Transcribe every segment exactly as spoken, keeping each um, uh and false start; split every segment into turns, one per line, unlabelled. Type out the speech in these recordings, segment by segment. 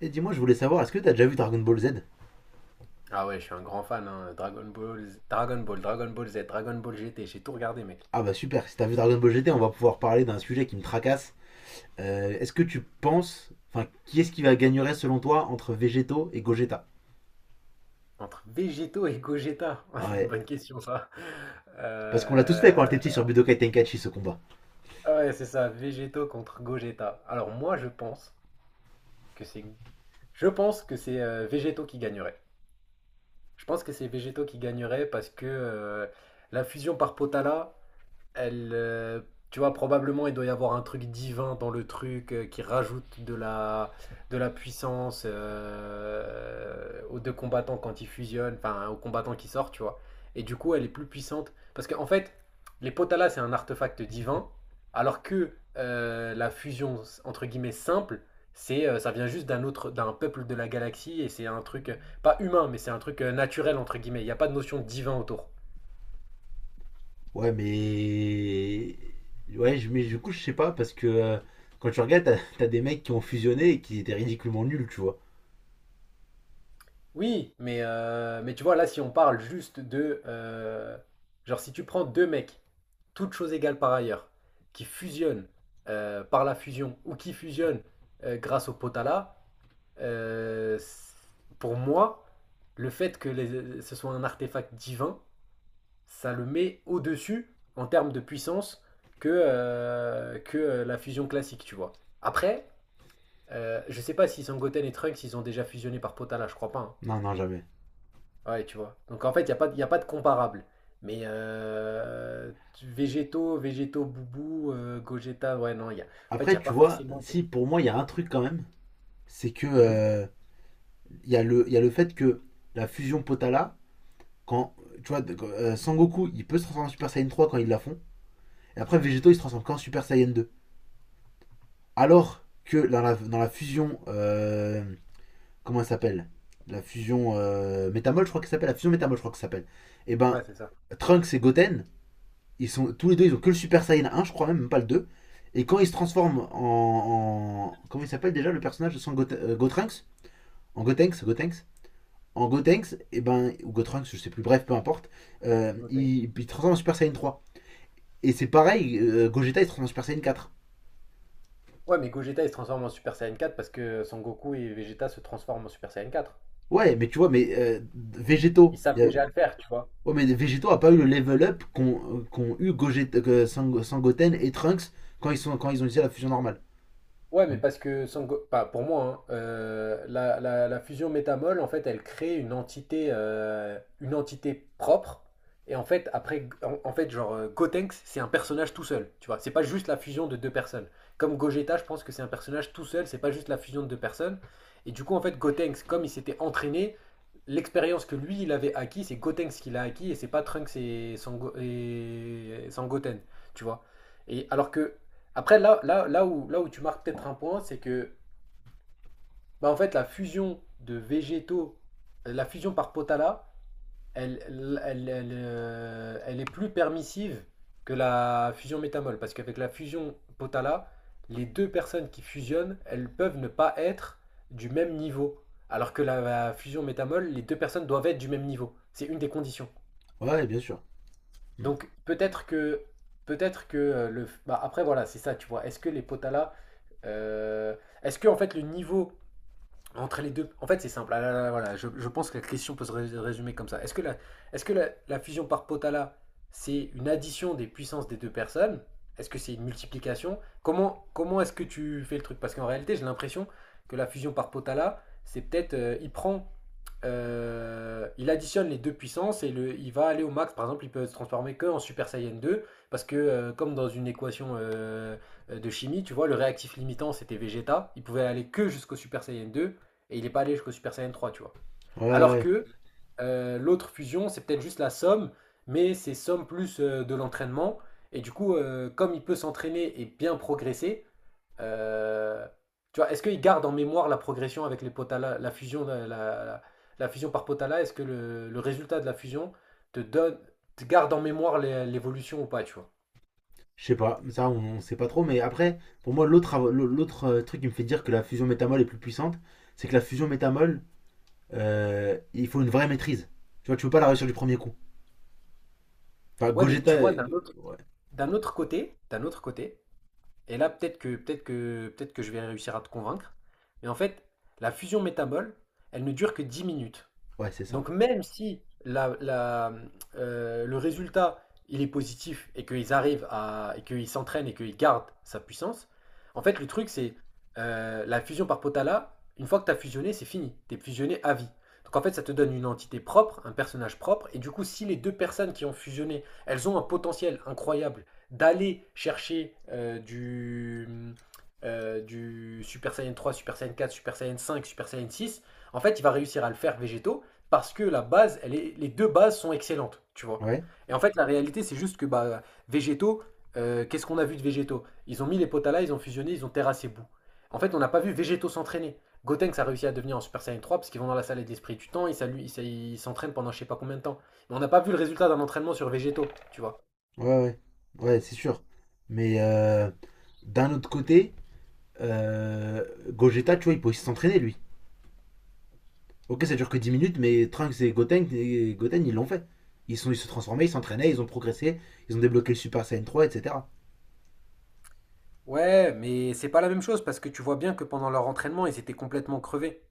Et dis-moi, je voulais savoir, est-ce que t'as déjà vu Dragon Ball Z?
Ah ouais, je suis un grand fan, hein. Dragon Ball, Z- Dragon Ball, Dragon Ball Z, Dragon Ball G T, j'ai tout regardé, mec.
Ah bah super, si t'as vu Dragon Ball G T, on va pouvoir parler d'un sujet qui me tracasse. Euh, est-ce que tu penses, enfin, qui est-ce qui va gagnerait selon toi entre Vegeto et Gogeta?
Entre Végéto et Gogeta,
Ah
c'est une
ouais,
bonne question ça.
parce qu'on l'a tous fait
Euh,
quand on était petit sur Budokai Tenkaichi ce combat.
Ouais, c'est ça, Végéto contre Gogeta. Alors moi, je pense que c'est, je pense que c'est euh, Végéto qui gagnerait. Je pense que c'est Végéto qui gagnerait parce que euh, la fusion par Potala, elle, euh, tu vois, probablement il doit y avoir un truc divin dans le truc euh, qui rajoute de la, de la puissance euh, aux deux combattants quand ils fusionnent, enfin aux combattants qui sortent, tu vois. Et du coup, elle est plus puissante. Parce qu'en fait, les Potala, c'est un artefact divin, alors que euh, la fusion, entre guillemets, simple, c'est, euh, ça vient juste d'un autre, d'un peuple de la galaxie, et c'est un truc, euh, pas humain, mais c'est un truc euh, naturel, entre guillemets. Il n'y a pas de notion de divin autour.
Ouais, mais. Ouais, je- mais du coup, je sais pas, parce que euh, quand tu regardes, t'as- t'as des mecs qui ont fusionné et qui étaient ridiculement nuls, tu vois.
Oui, mais, euh, mais tu vois, là, si on parle juste de... euh, genre, si tu prends deux mecs, toutes choses égales par ailleurs, qui fusionnent euh, par la fusion ou qui fusionnent euh, grâce au potala, euh, c- pour moi, le fait que les- ce soit un artefact divin, ça le met au-dessus en termes de puissance que, euh, que euh, la fusion classique, tu vois. Après, euh, je sais pas si Sangoten et Trunks, ils ont déjà fusionné par potala, je crois pas. Hein.
Non, non, jamais.
Ouais, tu vois? Donc en fait, il n'y a pas, de- y a pas de comparable. Mais euh, tu- végétaux, végétaux, boubou, euh, Gogeta, ouais, non, il y a... en fait, il n'y
Après,
a
tu
pas
vois,
forcément de.
si pour moi, il y a un truc quand même, c'est que.
Mhm.
euh, il y, a le- il y a le fait que la fusion Potala, quand, tu vois, euh, Sangoku, il peut se transformer en Super Saiyan trois quand ils la font. Et après, Végéto, il se transforme qu'en Super Saiyan deux. Alors que dans la, dans la fusion. euh, comment elle s'appelle? La fusion euh, Métamol, je crois qu'elle s'appelle. La fusion Métamol, je crois qu'elle s'appelle. Et ben,
Ouais, c'est ça.
Trunks et Goten, ils sont, tous les deux, ils ont que le Super Saiyan un, je crois même, même pas le deux. Et quand ils se transforment en. en- comment il s'appelle déjà le personnage de son Gote- euh, Gotrunks? En Gotenks, Gotenks en Gotenks, et ben, ou Gotrunks, je sais plus, bref, peu importe, euh,
Goten.
il, il transforme en Super Saiyan trois. Et c'est pareil, euh, Gogeta il se transforme en Super Saiyan quatre.
Ouais, mais Gogeta, il se transforme en Super Saiyan quatre parce que Son Goku et Vegeta se transforment en Super Saiyan quatre.
Ouais, mais tu vois, mais euh,
Ils
Végétaux. il
savent
y a-
déjà le faire, tu vois.
Ouais, mais Végétaux a pas eu le level up qu'ont euh, qu'ont eu Gogeta, que Sang- Sangoten et Trunks quand ils, sont, quand ils ont utilisé la fusion normale.
Ouais, mais
Mm.
parce que Sango- pas pour moi, hein, euh, la, la- la fusion métamol, en fait, elle crée une entité, euh, une entité propre. Et en fait, après, en, en fait, genre, euh, Gotenks, c'est un personnage tout seul. Tu vois, c'est pas juste la fusion de deux personnes. Comme Gogeta, je pense que c'est un personnage tout seul, c'est pas juste la fusion de deux personnes. Et du coup, en fait, Gotenks, comme il s'était entraîné, l'expérience que lui, il avait acquis, c'est Gotenks qui l'a acquis, et c'est pas Trunks et, Sango- et Sangoten. Tu vois. Et alors que. Après, là, là, là où, là où tu marques peut-être un point, c'est que bah, en fait, la fusion de végétaux, euh, la fusion par potala, elle, elle, elle, elle, euh, elle est plus permissive que la fusion métamol. Parce qu'avec la fusion potala, les deux personnes qui fusionnent, elles peuvent ne pas être du même niveau. Alors que la, la fusion métamol, les deux personnes doivent être du même niveau. C'est une des conditions.
Ouais, bien sûr. Mm.
Donc peut-être que peut-être que euh, le bah, après voilà, c'est ça, tu vois. Est-ce que les Potala euh, est-ce que en fait le niveau entre les deux en fait c'est simple. Ah là là, voilà, je, je pense que la question peut se rés- résumer comme ça. Est-ce que la est-ce que la, la fusion par Potala c'est une addition des puissances des deux personnes. Est-ce que c'est une multiplication? Comment comment est-ce que tu fais le truc? Parce qu'en réalité, j'ai l'impression que la fusion par Potala, c'est peut-être euh, il prend euh, il additionne les deux puissances et le, il va aller au max. Par exemple, il peut se transformer que en Super Saiyan deux parce que, euh, comme dans une équation euh, de chimie, tu vois, le réactif limitant c'était Vegeta. Il pouvait aller que jusqu'au Super Saiyan deux et il n'est pas allé jusqu'au Super Saiyan trois, tu vois.
Ouais,
Alors
ouais.
que euh, l'autre fusion, c'est peut-être juste la somme, mais c'est somme plus euh, de l'entraînement. Et du coup, euh, comme il peut s'entraîner et bien progresser, euh, tu vois, est-ce qu'il garde en mémoire la progression avec les Potala, la fusion, la, la- la fusion par Potala. Est-ce que le, le résultat de la fusion te donne, te garde en mémoire l'é- l'évolution ou pas, tu vois?
Je sais pas. Ça, on, on sait pas trop. Mais après, pour moi, l'autre av- l'autre euh, truc qui me fait dire que la fusion métamol est plus puissante, c'est que la fusion métamol, euh, il faut une vraie maîtrise. Tu vois, tu peux pas la réussir du premier coup. Enfin,
Ouais, mais
Gogeta.
tu vois,
euh,
d'un autre,
Ouais,
d'un autre côté, d'un autre côté, et là peut-être que, peut-être que, peut-être que je vais réussir à te convaincre, mais en fait, la fusion métabole, elle ne dure que dix minutes.
ouais c'est ça.
Donc même si la, la, euh, le résultat il est positif et qu'ils arrivent à et qu'ils s'entraînent et qu'ils gardent sa puissance, en fait le truc c'est euh, la fusion par Potala, une fois que tu as fusionné, c'est fini, tu es fusionné à vie. Donc en fait ça te donne une entité propre, un personnage propre, et du coup si les deux personnes qui ont fusionné, elles ont un potentiel incroyable d'aller chercher euh, du, euh, du Super Saiyan trois, Super Saiyan quatre, Super Saiyan cinq, Super Saiyan six. En fait, il va réussir à le faire végétaux parce que la base, elle est, les deux bases sont excellentes, tu vois.
Ouais.
Et en fait, la réalité, c'est juste que bah, végétaux, euh, qu'est-ce qu'on a vu de végétaux? Ils ont mis les potas là, ils ont fusionné, ils ont terrassé Bou. En fait, on n'a pas vu végétaux s'entraîner. Gotenks a réussi à devenir en Super Saiyan trois parce qu'ils vont dans la salle d'esprit du temps, ils s'allu- ils s'a- ils s'entraînent pendant je sais pas combien de temps. Mais on n'a pas vu le résultat d'un entraînement sur végétaux, tu vois.
Ouais, ouais, ouais, c'est sûr. Mais euh, d'un autre côté, euh, Gogeta, tu vois, il peut aussi s'entraîner, lui. Ok, ça dure que dix minutes, mais Trunks et Goten, et Goten, ils l'ont fait. Ils sont, ils se transformaient, ils s'entraînaient, ils ont progressé, ils ont débloqué le Super Saiyan trois, et cetera.
Ouais, mais c'est pas la même chose parce que tu vois bien que pendant leur entraînement, ils étaient complètement crevés.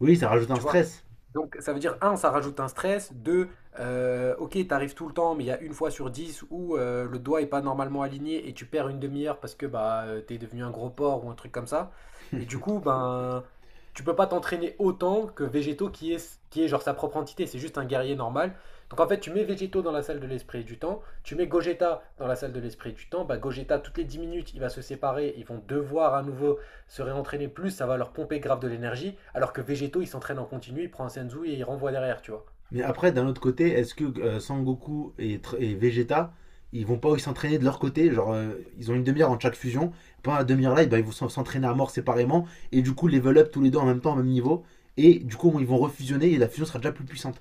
Oui, ça rajoute un
Tu vois?
stress.
Donc ça veut dire, un, ça rajoute un stress, deux, euh, ok, t'arrives tout le temps, mais il y a une fois sur dix où euh, le doigt est pas normalement aligné et tu perds une demi-heure parce que bah euh, t'es devenu un gros porc ou un truc comme ça. Et du coup, ben tu peux pas t'entraîner autant que Végétaux qui est, qui est genre sa propre entité, c'est juste un guerrier normal. Donc en fait, tu mets Végétaux dans la salle de l'esprit et du temps, tu mets Gogeta dans la salle de l'esprit et du temps, bah Gogeta, toutes les dix minutes, il va se séparer, ils vont devoir à nouveau se réentraîner plus, ça va leur pomper grave de l'énergie, alors que Végéto, il s'entraîne en continu, il prend un Senzu et il renvoie derrière, tu vois.
Mais après, d'un autre côté, est-ce que euh, Sangoku et, Tr- et Vegeta, ils vont pas aussi s'entraîner de leur côté? Genre, euh, ils ont une demi-heure en chaque fusion. Pendant la demi-heure-là, eh ben, ils vont s'en- s'entraîner à mort séparément. Et du coup, level up tous les deux en même temps, au même niveau. Et du coup, ils vont refusionner et la fusion sera déjà plus puissante.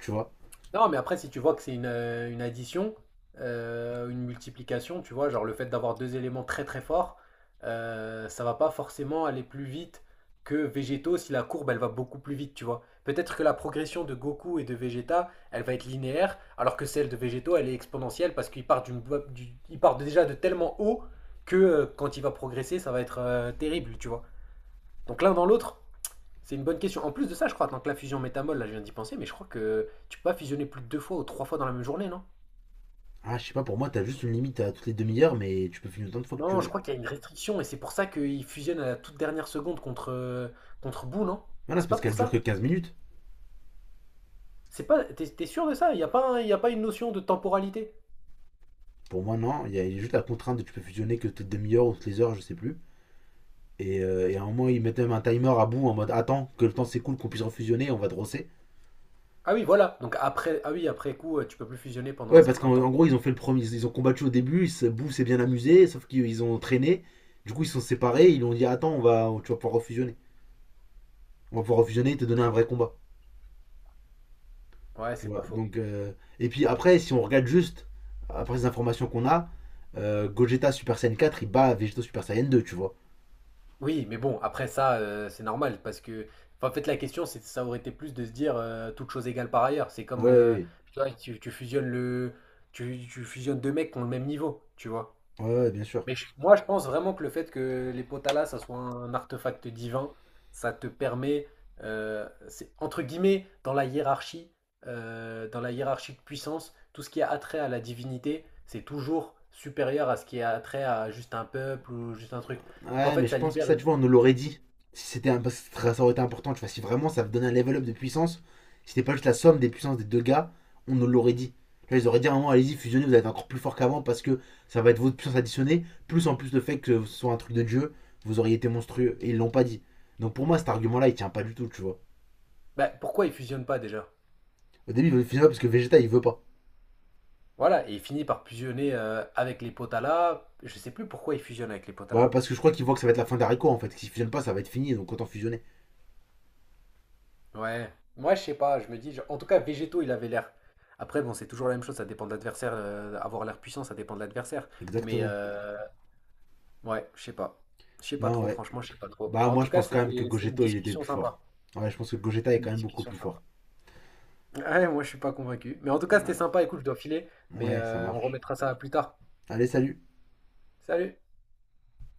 Tu vois?
Non, mais après, si tu vois que c'est une, euh, une addition, euh, une multiplication, tu vois, genre le fait d'avoir deux éléments très très forts, euh, ça va pas forcément aller plus vite que Végéto si la courbe elle va beaucoup plus vite, tu vois. Peut-être que la progression de Goku et de Vegeta, elle va être linéaire, alors que celle de Végéto, elle est exponentielle parce qu'il part, d'une, du- il part déjà de tellement haut que euh, quand il va progresser, ça va être euh, terrible, tu vois. Donc l'un dans l'autre, c'est une bonne question. En plus de ça, je crois, tant que la fusion métamol, là je viens d'y penser, mais je crois que tu peux pas fusionner plus de deux fois ou trois fois dans la même journée, non?
Ah, je sais pas, pour moi, t'as juste une limite à toutes les demi-heures, mais tu peux finir autant de fois que tu
Non, je
veux.
crois qu'il y a une restriction et c'est pour ça qu'ils fusionnent à la toute dernière seconde contre, euh, contre Boo, non?
Voilà, c'est
C'est pas
parce
pour
qu'elle dure que
ça?
quinze minutes.
C'est pas, t'es, t'es sûr de ça? Il n'y a pas, un- il y a pas une notion de temporalité?
Pour moi, non. Il y a juste la contrainte de tu peux fusionner que toutes les demi-heures ou toutes les heures, je sais plus. Et, euh, et à un moment, ils mettent même un timer à bout en mode attends que le temps s'écoule, qu'on puisse refusionner, on va te rosser.
Ah oui, voilà. Donc après, ah oui, après coup, euh, tu peux plus fusionner pendant un
Ouais, parce
certain
qu'en en
temps.
gros, ils ont fait le premier, ils ont combattu au début, ils se- Boo s'est bien amusé, sauf qu'ils ont traîné. Du coup, ils se sont séparés, ils lui ont dit attends, on va, tu vas pouvoir refusionner. On va pouvoir refusionner et te donner un vrai combat.
Ouais,
Tu
c'est pas
vois,
faux.
donc. euh, Et puis après, si on regarde juste, après les informations qu'on a, euh, Gogeta Super Saiyan quatre, il bat Vegeta Super Saiyan deux, tu vois.
Oui, mais bon, après ça, heu, c'est normal parce que enfin, en fait, la question, c'est ça aurait été plus de se dire, heu, toutes choses égales par ailleurs. C'est comme,
Ouais,
heu,
ouais,
tu vois, tu tu fusionnes le tu tu fusionnes deux mecs qui ont le même niveau, tu vois?
ouais, ouais, ouais, bien sûr.
Mais je moi, je pense vraiment que le fait que les Potala, ça soit un artefact divin, ça te permet, heu, c'est entre guillemets, dans la hiérarchie, heu, dans la hiérarchie de puissance, tout ce qui a attrait à la divinité, c'est toujours supérieur à ce qui a attrait à juste un peuple ou juste un truc. Donc en
Ouais, mais
fait, ça
je pense que
libère
ça, tu vois, on nous l'aurait dit. Si c'était un... parce que ça aurait été important, tu vois, si vraiment ça donnait un level up de puissance, si c'était pas juste la somme des puissances des deux gars, on nous l'aurait dit. Là, ils auraient dit à un moment, allez-y, fusionnez, vous allez être encore plus fort qu'avant parce que ça va être votre puissance additionnée, plus en plus le fait que ce soit un truc de dieu, vous auriez été monstrueux. Et ils l'ont pas dit. Donc pour moi, cet argument-là, il tient pas du tout, tu vois.
bah, pourquoi ils fusionnent pas déjà?
Au début, ils veulent fusionner parce que Vegeta, il veut pas.
Voilà, et il finit par fusionner euh, avec les Potala. Je sais plus pourquoi il fusionne avec les
Bah,
Potala.
parce que je crois qu'ils voient que ça va être la fin d'Arico en fait. S'ils fusionnent pas, ça va être fini, donc autant fusionner.
Ouais, moi je sais pas, je me dis, genre- en tout cas, Végéto, il avait l'air. Après, bon, c'est toujours la même chose, ça dépend de l'adversaire. euh, avoir l'air puissant, ça dépend de l'adversaire. Mais
Exactement.
euh, ouais, je sais pas. Je sais pas
Non,
trop,
ouais.
franchement, je sais pas trop.
Bah,
En
moi,
tout
je
cas,
pense quand même que
c'était, c'est une
Gogeta il était
discussion
plus fort.
sympa.
Ouais, je pense que Gogeta est
Une
quand même beaucoup
discussion
plus
sympa.
fort.
Ouais, moi je suis pas convaincu. Mais en tout cas,
Ouais,
c'était sympa. Écoute, je dois filer, mais
ouais ça
euh, on
marche.
remettra ça plus tard.
Allez, salut.
Salut!